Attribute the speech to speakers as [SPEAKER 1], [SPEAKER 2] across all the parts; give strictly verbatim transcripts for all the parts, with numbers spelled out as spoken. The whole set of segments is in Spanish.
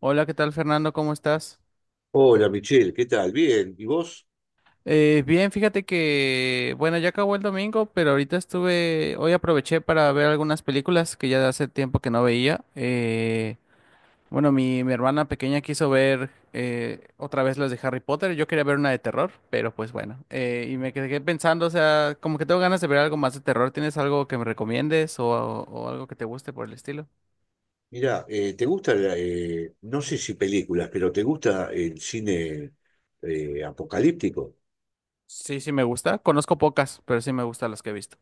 [SPEAKER 1] Hola, ¿qué tal Fernando? ¿Cómo estás?
[SPEAKER 2] Hola Michelle, ¿qué tal? Bien, ¿y vos?
[SPEAKER 1] Eh, bien, fíjate que, bueno, ya acabó el domingo, pero ahorita estuve, hoy aproveché para ver algunas películas que ya hace tiempo que no veía. Eh, bueno, mi, mi hermana pequeña quiso ver eh, otra vez las de Harry Potter, yo quería ver una de terror, pero pues bueno, eh, y me quedé pensando, o sea, como que tengo ganas de ver algo más de terror, ¿tienes algo que me recomiendes o, o algo que te guste por el estilo?
[SPEAKER 2] Mirá, eh, ¿te gusta, la- eh, no sé si películas? Pero ¿te gusta el cine eh, apocalíptico?
[SPEAKER 1] Sí, sí me gusta, conozco pocas, pero sí me gustan las que he visto.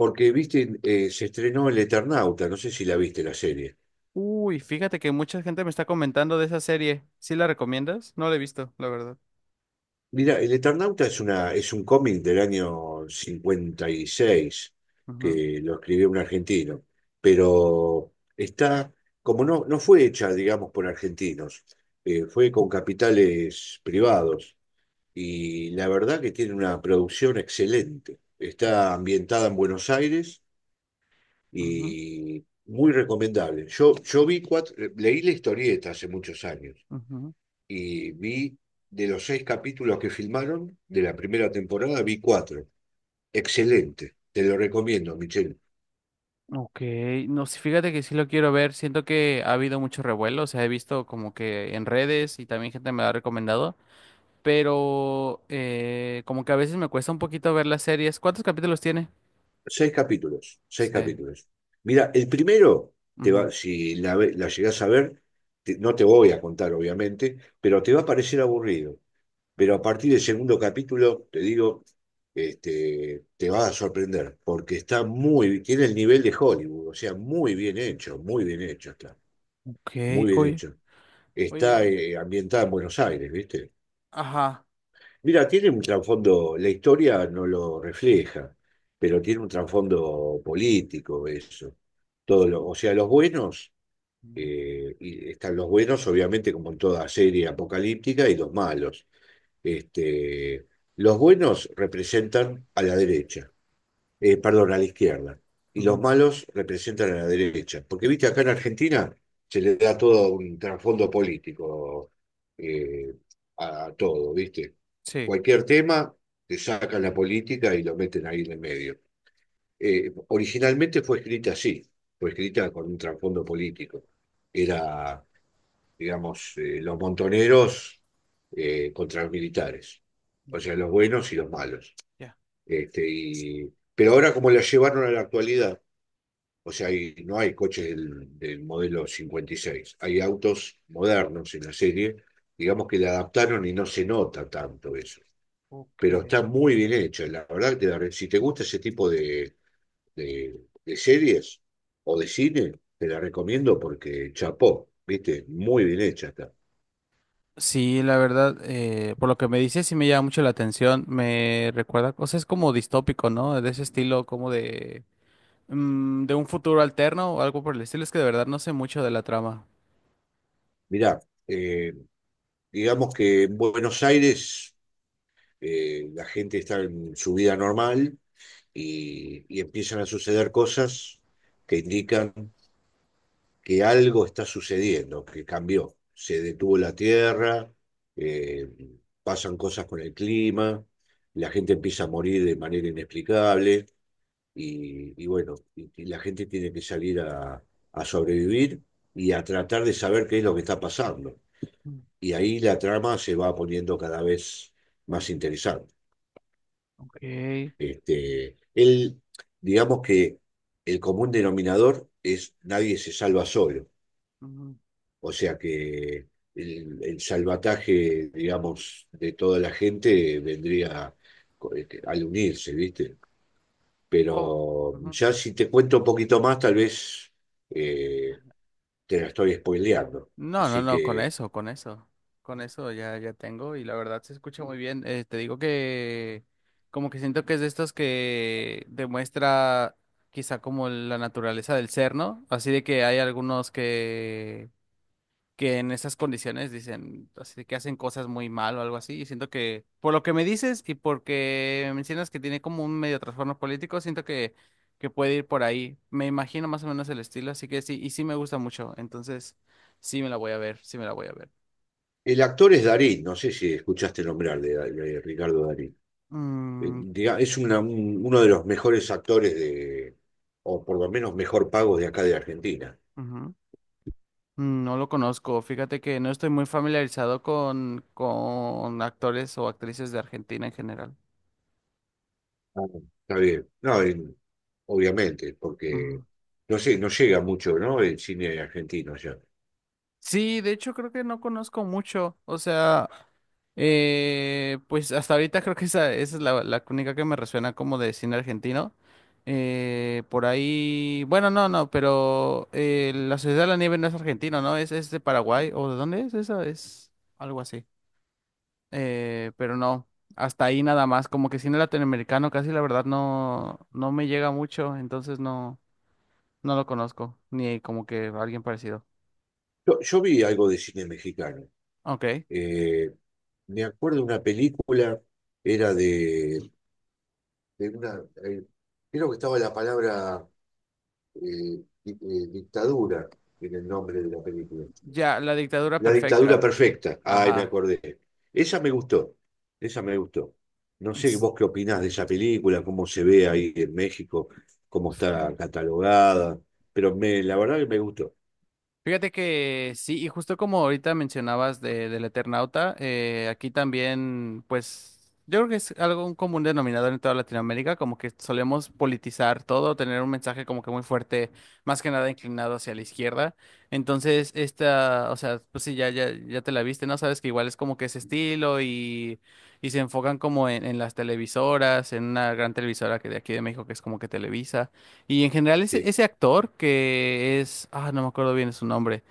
[SPEAKER 2] Porque, viste, eh, se estrenó El Eternauta, no sé si la viste la serie.
[SPEAKER 1] Uy, fíjate que mucha gente me está comentando de esa serie. ¿Sí la recomiendas? No la he visto, la verdad.
[SPEAKER 2] Mira, El Eternauta es una, es un cómic del año cincuenta y seis
[SPEAKER 1] Ujú,
[SPEAKER 2] que lo escribió un argentino, pero está, como no, no fue hecha, digamos, por argentinos, eh, fue con capitales privados y la verdad que tiene una producción excelente. Está ambientada en Buenos Aires
[SPEAKER 1] ujú,
[SPEAKER 2] y muy recomendable. Yo, yo vi cuatro, leí la historieta hace muchos años
[SPEAKER 1] ujú.
[SPEAKER 2] y vi, de los seis capítulos que filmaron de la primera temporada, vi cuatro. Excelente, te lo recomiendo, Michelle.
[SPEAKER 1] Ok, no, sí, fíjate que sí lo quiero ver. Siento que ha habido mucho revuelo, o sea, he visto como que en redes y también gente me la ha recomendado, pero eh, como que a veces me cuesta un poquito ver las series. ¿Cuántos capítulos tiene?
[SPEAKER 2] Seis capítulos, seis
[SPEAKER 1] Sí.
[SPEAKER 2] capítulos. Mira, el primero, te
[SPEAKER 1] Ujú.
[SPEAKER 2] va, si la, ve- la llegás a ver, te- no te voy a contar, obviamente, pero te va a parecer aburrido.
[SPEAKER 1] Ok.
[SPEAKER 2] Pero a partir del segundo capítulo, te digo, este, te va a sorprender, porque está muy, tiene el nivel de Hollywood, o sea, muy bien hecho, muy bien hecho está,
[SPEAKER 1] Ok,
[SPEAKER 2] muy bien
[SPEAKER 1] oye.
[SPEAKER 2] hecho. Está
[SPEAKER 1] Oye,
[SPEAKER 2] eh, ambientada en Buenos Aires, ¿viste?
[SPEAKER 1] ajá.
[SPEAKER 2] Mira, tiene un trasfondo, la historia no lo refleja, pero tiene un trasfondo político eso. Todo lo, o sea, los buenos,
[SPEAKER 1] Ujú,
[SPEAKER 2] eh, y están los buenos, obviamente, como en toda serie apocalíptica, y los malos. Este, los buenos representan a la derecha, eh, perdón, a la izquierda, y los
[SPEAKER 1] ujú.
[SPEAKER 2] malos representan a la derecha. Porque, viste, acá en Argentina se le da todo un trasfondo político eh, a todo, viste.
[SPEAKER 1] Sí.
[SPEAKER 2] Cualquier tema, te sacan la política y lo meten ahí en el medio. Eh, originalmente fue escrita así, fue escrita con un trasfondo político. Era, digamos, eh, los montoneros eh, contra los militares, o sea,
[SPEAKER 1] Ya,
[SPEAKER 2] los buenos y los malos.
[SPEAKER 1] ya.
[SPEAKER 2] Este, y, pero ahora, como la llevaron a la actualidad, o sea, hay- no hay coches del, del modelo cincuenta y seis, hay autos modernos en la serie, digamos que la adaptaron y no se nota tanto eso,
[SPEAKER 1] Ok.
[SPEAKER 2] pero está muy bien hecha, la verdad que te la re- si te gusta ese tipo de, de- de series o de cine, te la recomiendo porque chapó, viste, muy bien hecha está.
[SPEAKER 1] Sí, la verdad, eh, por lo que me dices, sí me llama mucho la atención. Me recuerda cosas como distópico, ¿no? De ese estilo, como de, mm, de un futuro alterno o algo por el estilo. Es que de verdad no sé mucho de la trama.
[SPEAKER 2] Mirá, eh, digamos que en Buenos Aires eh, la gente está en su vida normal y, y empiezan a suceder cosas que indican que algo está sucediendo, que cambió. Se detuvo la tierra, eh, pasan cosas con el clima, la gente empieza a morir de manera inexplicable y, y bueno, y- y la gente tiene que salir a, a sobrevivir y a tratar de saber qué es lo que está pasando.
[SPEAKER 1] Mm.
[SPEAKER 2] Y ahí la trama se va poniendo cada vez más interesante.
[SPEAKER 1] Ok.
[SPEAKER 2] Este, él, digamos que el común denominador es nadie se salva solo,
[SPEAKER 1] Mm.
[SPEAKER 2] o sea que el, el salvataje, digamos, de toda la gente vendría, este, al unirse, ¿viste?
[SPEAKER 1] Oh,
[SPEAKER 2] Pero
[SPEAKER 1] ujú.
[SPEAKER 2] ya si te cuento un poquito más, tal vez eh, te la estoy spoileando.
[SPEAKER 1] No, no,
[SPEAKER 2] Así
[SPEAKER 1] no, con
[SPEAKER 2] que
[SPEAKER 1] eso, con eso. Con eso ya, ya tengo y la verdad se escucha muy bien. Eh, te digo que como que siento que es de estos que demuestra quizá como la naturaleza del ser, ¿no? Así de que hay algunos que que en esas condiciones dicen, así de que hacen cosas muy mal o algo así. Y siento que, por lo que me dices y porque mencionas que tiene como un medio trastorno político, siento que, que puede ir por ahí. Me imagino más o menos el estilo, así que sí, y sí me gusta mucho. Entonces, sí me la voy a ver, sí me la voy a ver.
[SPEAKER 2] el actor es Darín, no sé si escuchaste nombrar de de Ricardo Darín. eh,
[SPEAKER 1] Mm,
[SPEAKER 2] diga- es una- un- uno de los mejores actores de, o por lo menos mejor pagos, de acá de Argentina.
[SPEAKER 1] ujú. No lo conozco. Fíjate que no estoy muy familiarizado con, con actores o actrices de Argentina en general.
[SPEAKER 2] Ah, está bien. No, en- obviamente, porque
[SPEAKER 1] Ujú.
[SPEAKER 2] no sé, no llega mucho, ¿no? El cine argentino allá.
[SPEAKER 1] Sí, de hecho creo que no conozco mucho. O sea, Eh, pues hasta ahorita creo que esa, esa es la, la única que me resuena como de cine argentino. Eh, por ahí, bueno, no, no, pero eh, La Sociedad de la Nieve no es argentino, ¿no? Es, es de Paraguay, ¿o de dónde es esa? Es algo así. Eh, pero no, hasta ahí nada más, como que cine latinoamericano casi la verdad no, no me llega mucho, entonces no, no lo conozco, ni como que alguien parecido.
[SPEAKER 2] Yo, yo vi algo de cine mexicano.
[SPEAKER 1] Ok,
[SPEAKER 2] Eh, Me acuerdo de una película, era de, de una, eh, creo que estaba la palabra eh, di- eh, dictadura en el nombre de la película.
[SPEAKER 1] ya, La Dictadura
[SPEAKER 2] La dictadura
[SPEAKER 1] Perfecta.
[SPEAKER 2] perfecta. Ay, me
[SPEAKER 1] Ajá.
[SPEAKER 2] acordé. Esa me gustó. Esa me gustó. No sé vos qué opinás de esa película, cómo se ve ahí en México, cómo está catalogada, pero me, la verdad que me gustó.
[SPEAKER 1] Fíjate que sí, y justo como ahorita mencionabas de, del Eternauta, eh, aquí también, pues, yo creo que es algo un común denominador en toda Latinoamérica, como que solemos politizar todo, tener un mensaje como que muy fuerte, más que nada inclinado hacia la izquierda. Entonces, esta, o sea, pues sí, ya, ya, ya te la viste, ¿no? Sabes que igual es como que ese estilo y, y se enfocan como en, en las televisoras, en una gran televisora que de aquí de México, que es como que Televisa. Y en general ese,
[SPEAKER 2] Sí,
[SPEAKER 1] ese actor que es, ah, no me acuerdo bien su nombre,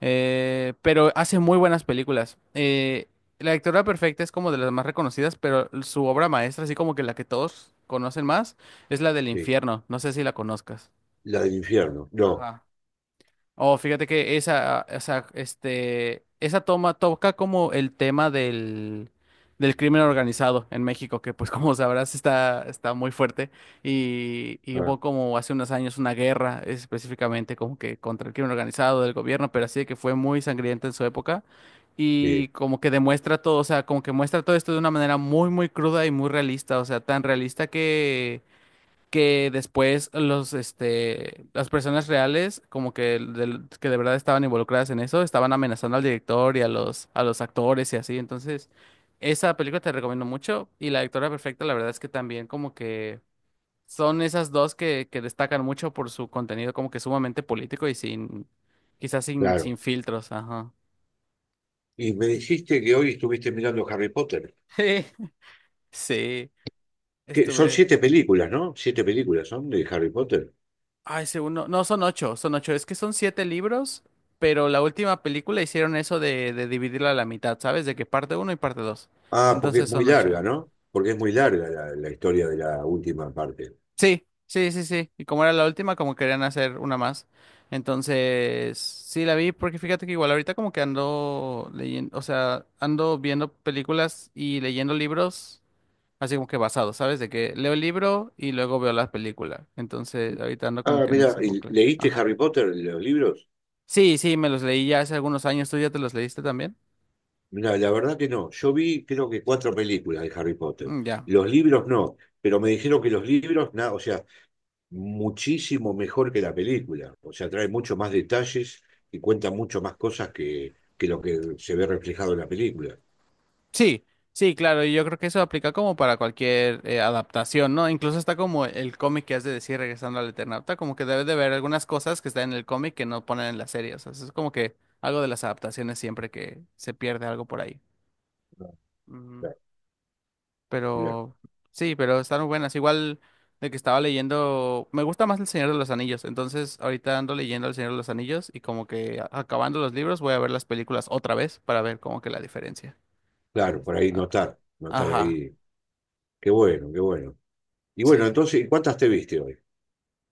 [SPEAKER 1] eh, pero hace muy buenas películas. Eh, La Dictadura Perfecta es como de las más reconocidas, pero su obra maestra, así como que la que todos conocen más, es la del
[SPEAKER 2] sí.
[SPEAKER 1] infierno. No sé si la conozcas.
[SPEAKER 2] La del infierno. No.
[SPEAKER 1] Ajá. Oh, fíjate que esa, esa, este, esa toma toca como el tema del, del crimen organizado en México, que pues como sabrás está, está muy fuerte y, y
[SPEAKER 2] Ah,
[SPEAKER 1] hubo como hace unos años una guerra específicamente como que contra el crimen organizado del gobierno, pero así de que fue muy sangrienta en su época y
[SPEAKER 2] sí,
[SPEAKER 1] como que demuestra todo, o sea, como que muestra todo esto de una manera muy, muy cruda y muy realista, o sea, tan realista que que después los, este, las personas reales, como que, del- que de verdad estaban involucradas en eso, estaban amenazando al director y a los, a los actores y así. Entonces, esa película te recomiendo mucho. Y La Dictadura Perfecta, la verdad es que también como que son esas dos que, que destacan mucho por su contenido como que sumamente político y sin, quizás sin,
[SPEAKER 2] claro.
[SPEAKER 1] sin filtros, ajá.
[SPEAKER 2] Y me dijiste que hoy estuviste mirando Harry Potter.
[SPEAKER 1] Sí,
[SPEAKER 2] Que son
[SPEAKER 1] estuve.
[SPEAKER 2] siete películas, ¿no? Siete películas son de Harry Potter.
[SPEAKER 1] Ay, según no, no son ocho, son ocho. Es que son siete libros, pero la última película hicieron eso de, de dividirla a la mitad, ¿sabes? De que parte uno y parte dos.
[SPEAKER 2] Ah, porque
[SPEAKER 1] Entonces
[SPEAKER 2] es muy
[SPEAKER 1] son ocho.
[SPEAKER 2] larga, ¿no? Porque es muy larga la, la historia de la última parte.
[SPEAKER 1] Sí, sí, sí, sí. Y como era la última, como querían hacer una más. Entonces, sí la vi, porque fíjate que igual ahorita como que ando leyendo, o sea, ando viendo películas y leyendo libros, así como que basado, ¿sabes? De que leo el libro y luego veo la película. Entonces, ahorita ando como
[SPEAKER 2] Ah,
[SPEAKER 1] que en
[SPEAKER 2] mira,
[SPEAKER 1] ese bucle.
[SPEAKER 2] ¿leíste
[SPEAKER 1] Ajá.
[SPEAKER 2] Harry Potter, los libros?
[SPEAKER 1] Sí, sí, me los leí ya hace algunos años. ¿Tú ya te los leíste también?
[SPEAKER 2] Mira, la verdad que no. Yo vi creo que cuatro películas de Harry Potter.
[SPEAKER 1] Mm, ya.
[SPEAKER 2] Los libros no, pero me dijeron que los libros, nada, o sea, muchísimo mejor que la película. O sea, trae mucho más detalles y cuenta mucho más cosas que, que lo que se ve reflejado en la película.
[SPEAKER 1] Sí, sí, claro. Y yo creo que eso aplica como para cualquier eh, adaptación, ¿no? Incluso está como el cómic que has de decir regresando al Eternauta, como que debes de ver algunas cosas que están en el cómic que no ponen en la serie. O sea, eso es como que algo de las adaptaciones siempre que se pierde algo por ahí.
[SPEAKER 2] Ah,
[SPEAKER 1] Mm.
[SPEAKER 2] claro. Mirá,
[SPEAKER 1] Pero sí, pero están muy buenas. Igual de que estaba leyendo, me gusta más El Señor de los Anillos. Entonces, ahorita ando leyendo El Señor de los Anillos y como que a- acabando los libros voy a ver las películas otra vez para ver como que la diferencia.
[SPEAKER 2] claro, por
[SPEAKER 1] Está-
[SPEAKER 2] ahí
[SPEAKER 1] ah,
[SPEAKER 2] notar, notar
[SPEAKER 1] ajá,
[SPEAKER 2] ahí. Qué bueno, qué bueno. Y
[SPEAKER 1] sí.
[SPEAKER 2] bueno,
[SPEAKER 1] Sí.
[SPEAKER 2] entonces, ¿cuántas te viste hoy?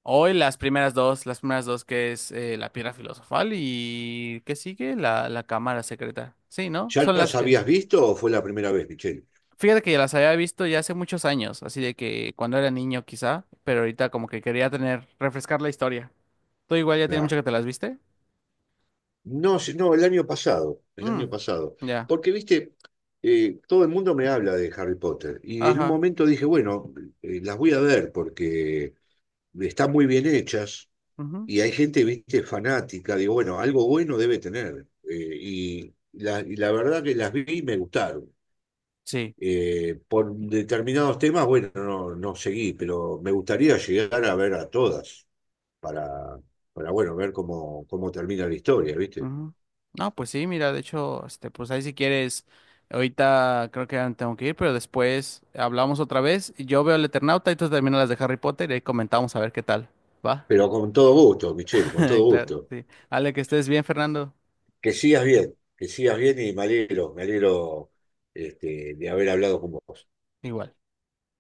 [SPEAKER 1] Hoy las primeras dos, las primeras dos que es eh, la piedra filosofal y ¿qué sigue? La, la cámara secreta. Sí, ¿no?
[SPEAKER 2] ¿Ya
[SPEAKER 1] Son
[SPEAKER 2] las
[SPEAKER 1] las que...
[SPEAKER 2] habías visto o fue la primera vez, Michelle?
[SPEAKER 1] Fíjate que ya las había visto ya hace muchos años, así de que cuando era niño quizá, pero ahorita como que quería tener, refrescar la historia. Tú igual ya tiene mucho que te las viste.
[SPEAKER 2] No, si- no, el año pasado, el
[SPEAKER 1] Mm,
[SPEAKER 2] año pasado.
[SPEAKER 1] ya.
[SPEAKER 2] Porque, viste, eh, todo el mundo me habla de Harry Potter y en un
[SPEAKER 1] Ajá.
[SPEAKER 2] momento dije, bueno, eh, las voy a ver porque están muy bien hechas
[SPEAKER 1] Ujú,
[SPEAKER 2] y hay gente, viste, fanática. Digo, bueno, algo bueno debe tener. Eh, y, la, y la verdad que las vi y me gustaron.
[SPEAKER 1] sí.
[SPEAKER 2] Eh, por determinados temas, bueno, no, no seguí, pero me gustaría llegar a ver a todas para, para bueno, ver cómo, cómo termina la historia, ¿viste?
[SPEAKER 1] Ujú. No, pues sí, mira, de hecho, este, pues ahí si quieres, ahorita creo que ya me tengo que ir, pero después hablamos otra vez. Y yo veo el Eternauta y tú terminas las de Harry Potter y ahí comentamos a ver qué tal. ¿Va?
[SPEAKER 2] Pero con todo gusto, Michelle, con todo
[SPEAKER 1] Claro,
[SPEAKER 2] gusto.
[SPEAKER 1] sí. Ale, que estés bien, Fernando.
[SPEAKER 2] Que sigas bien, que sigas bien, y me alegro, me alegro, este, de haber hablado con vos.
[SPEAKER 1] Igual.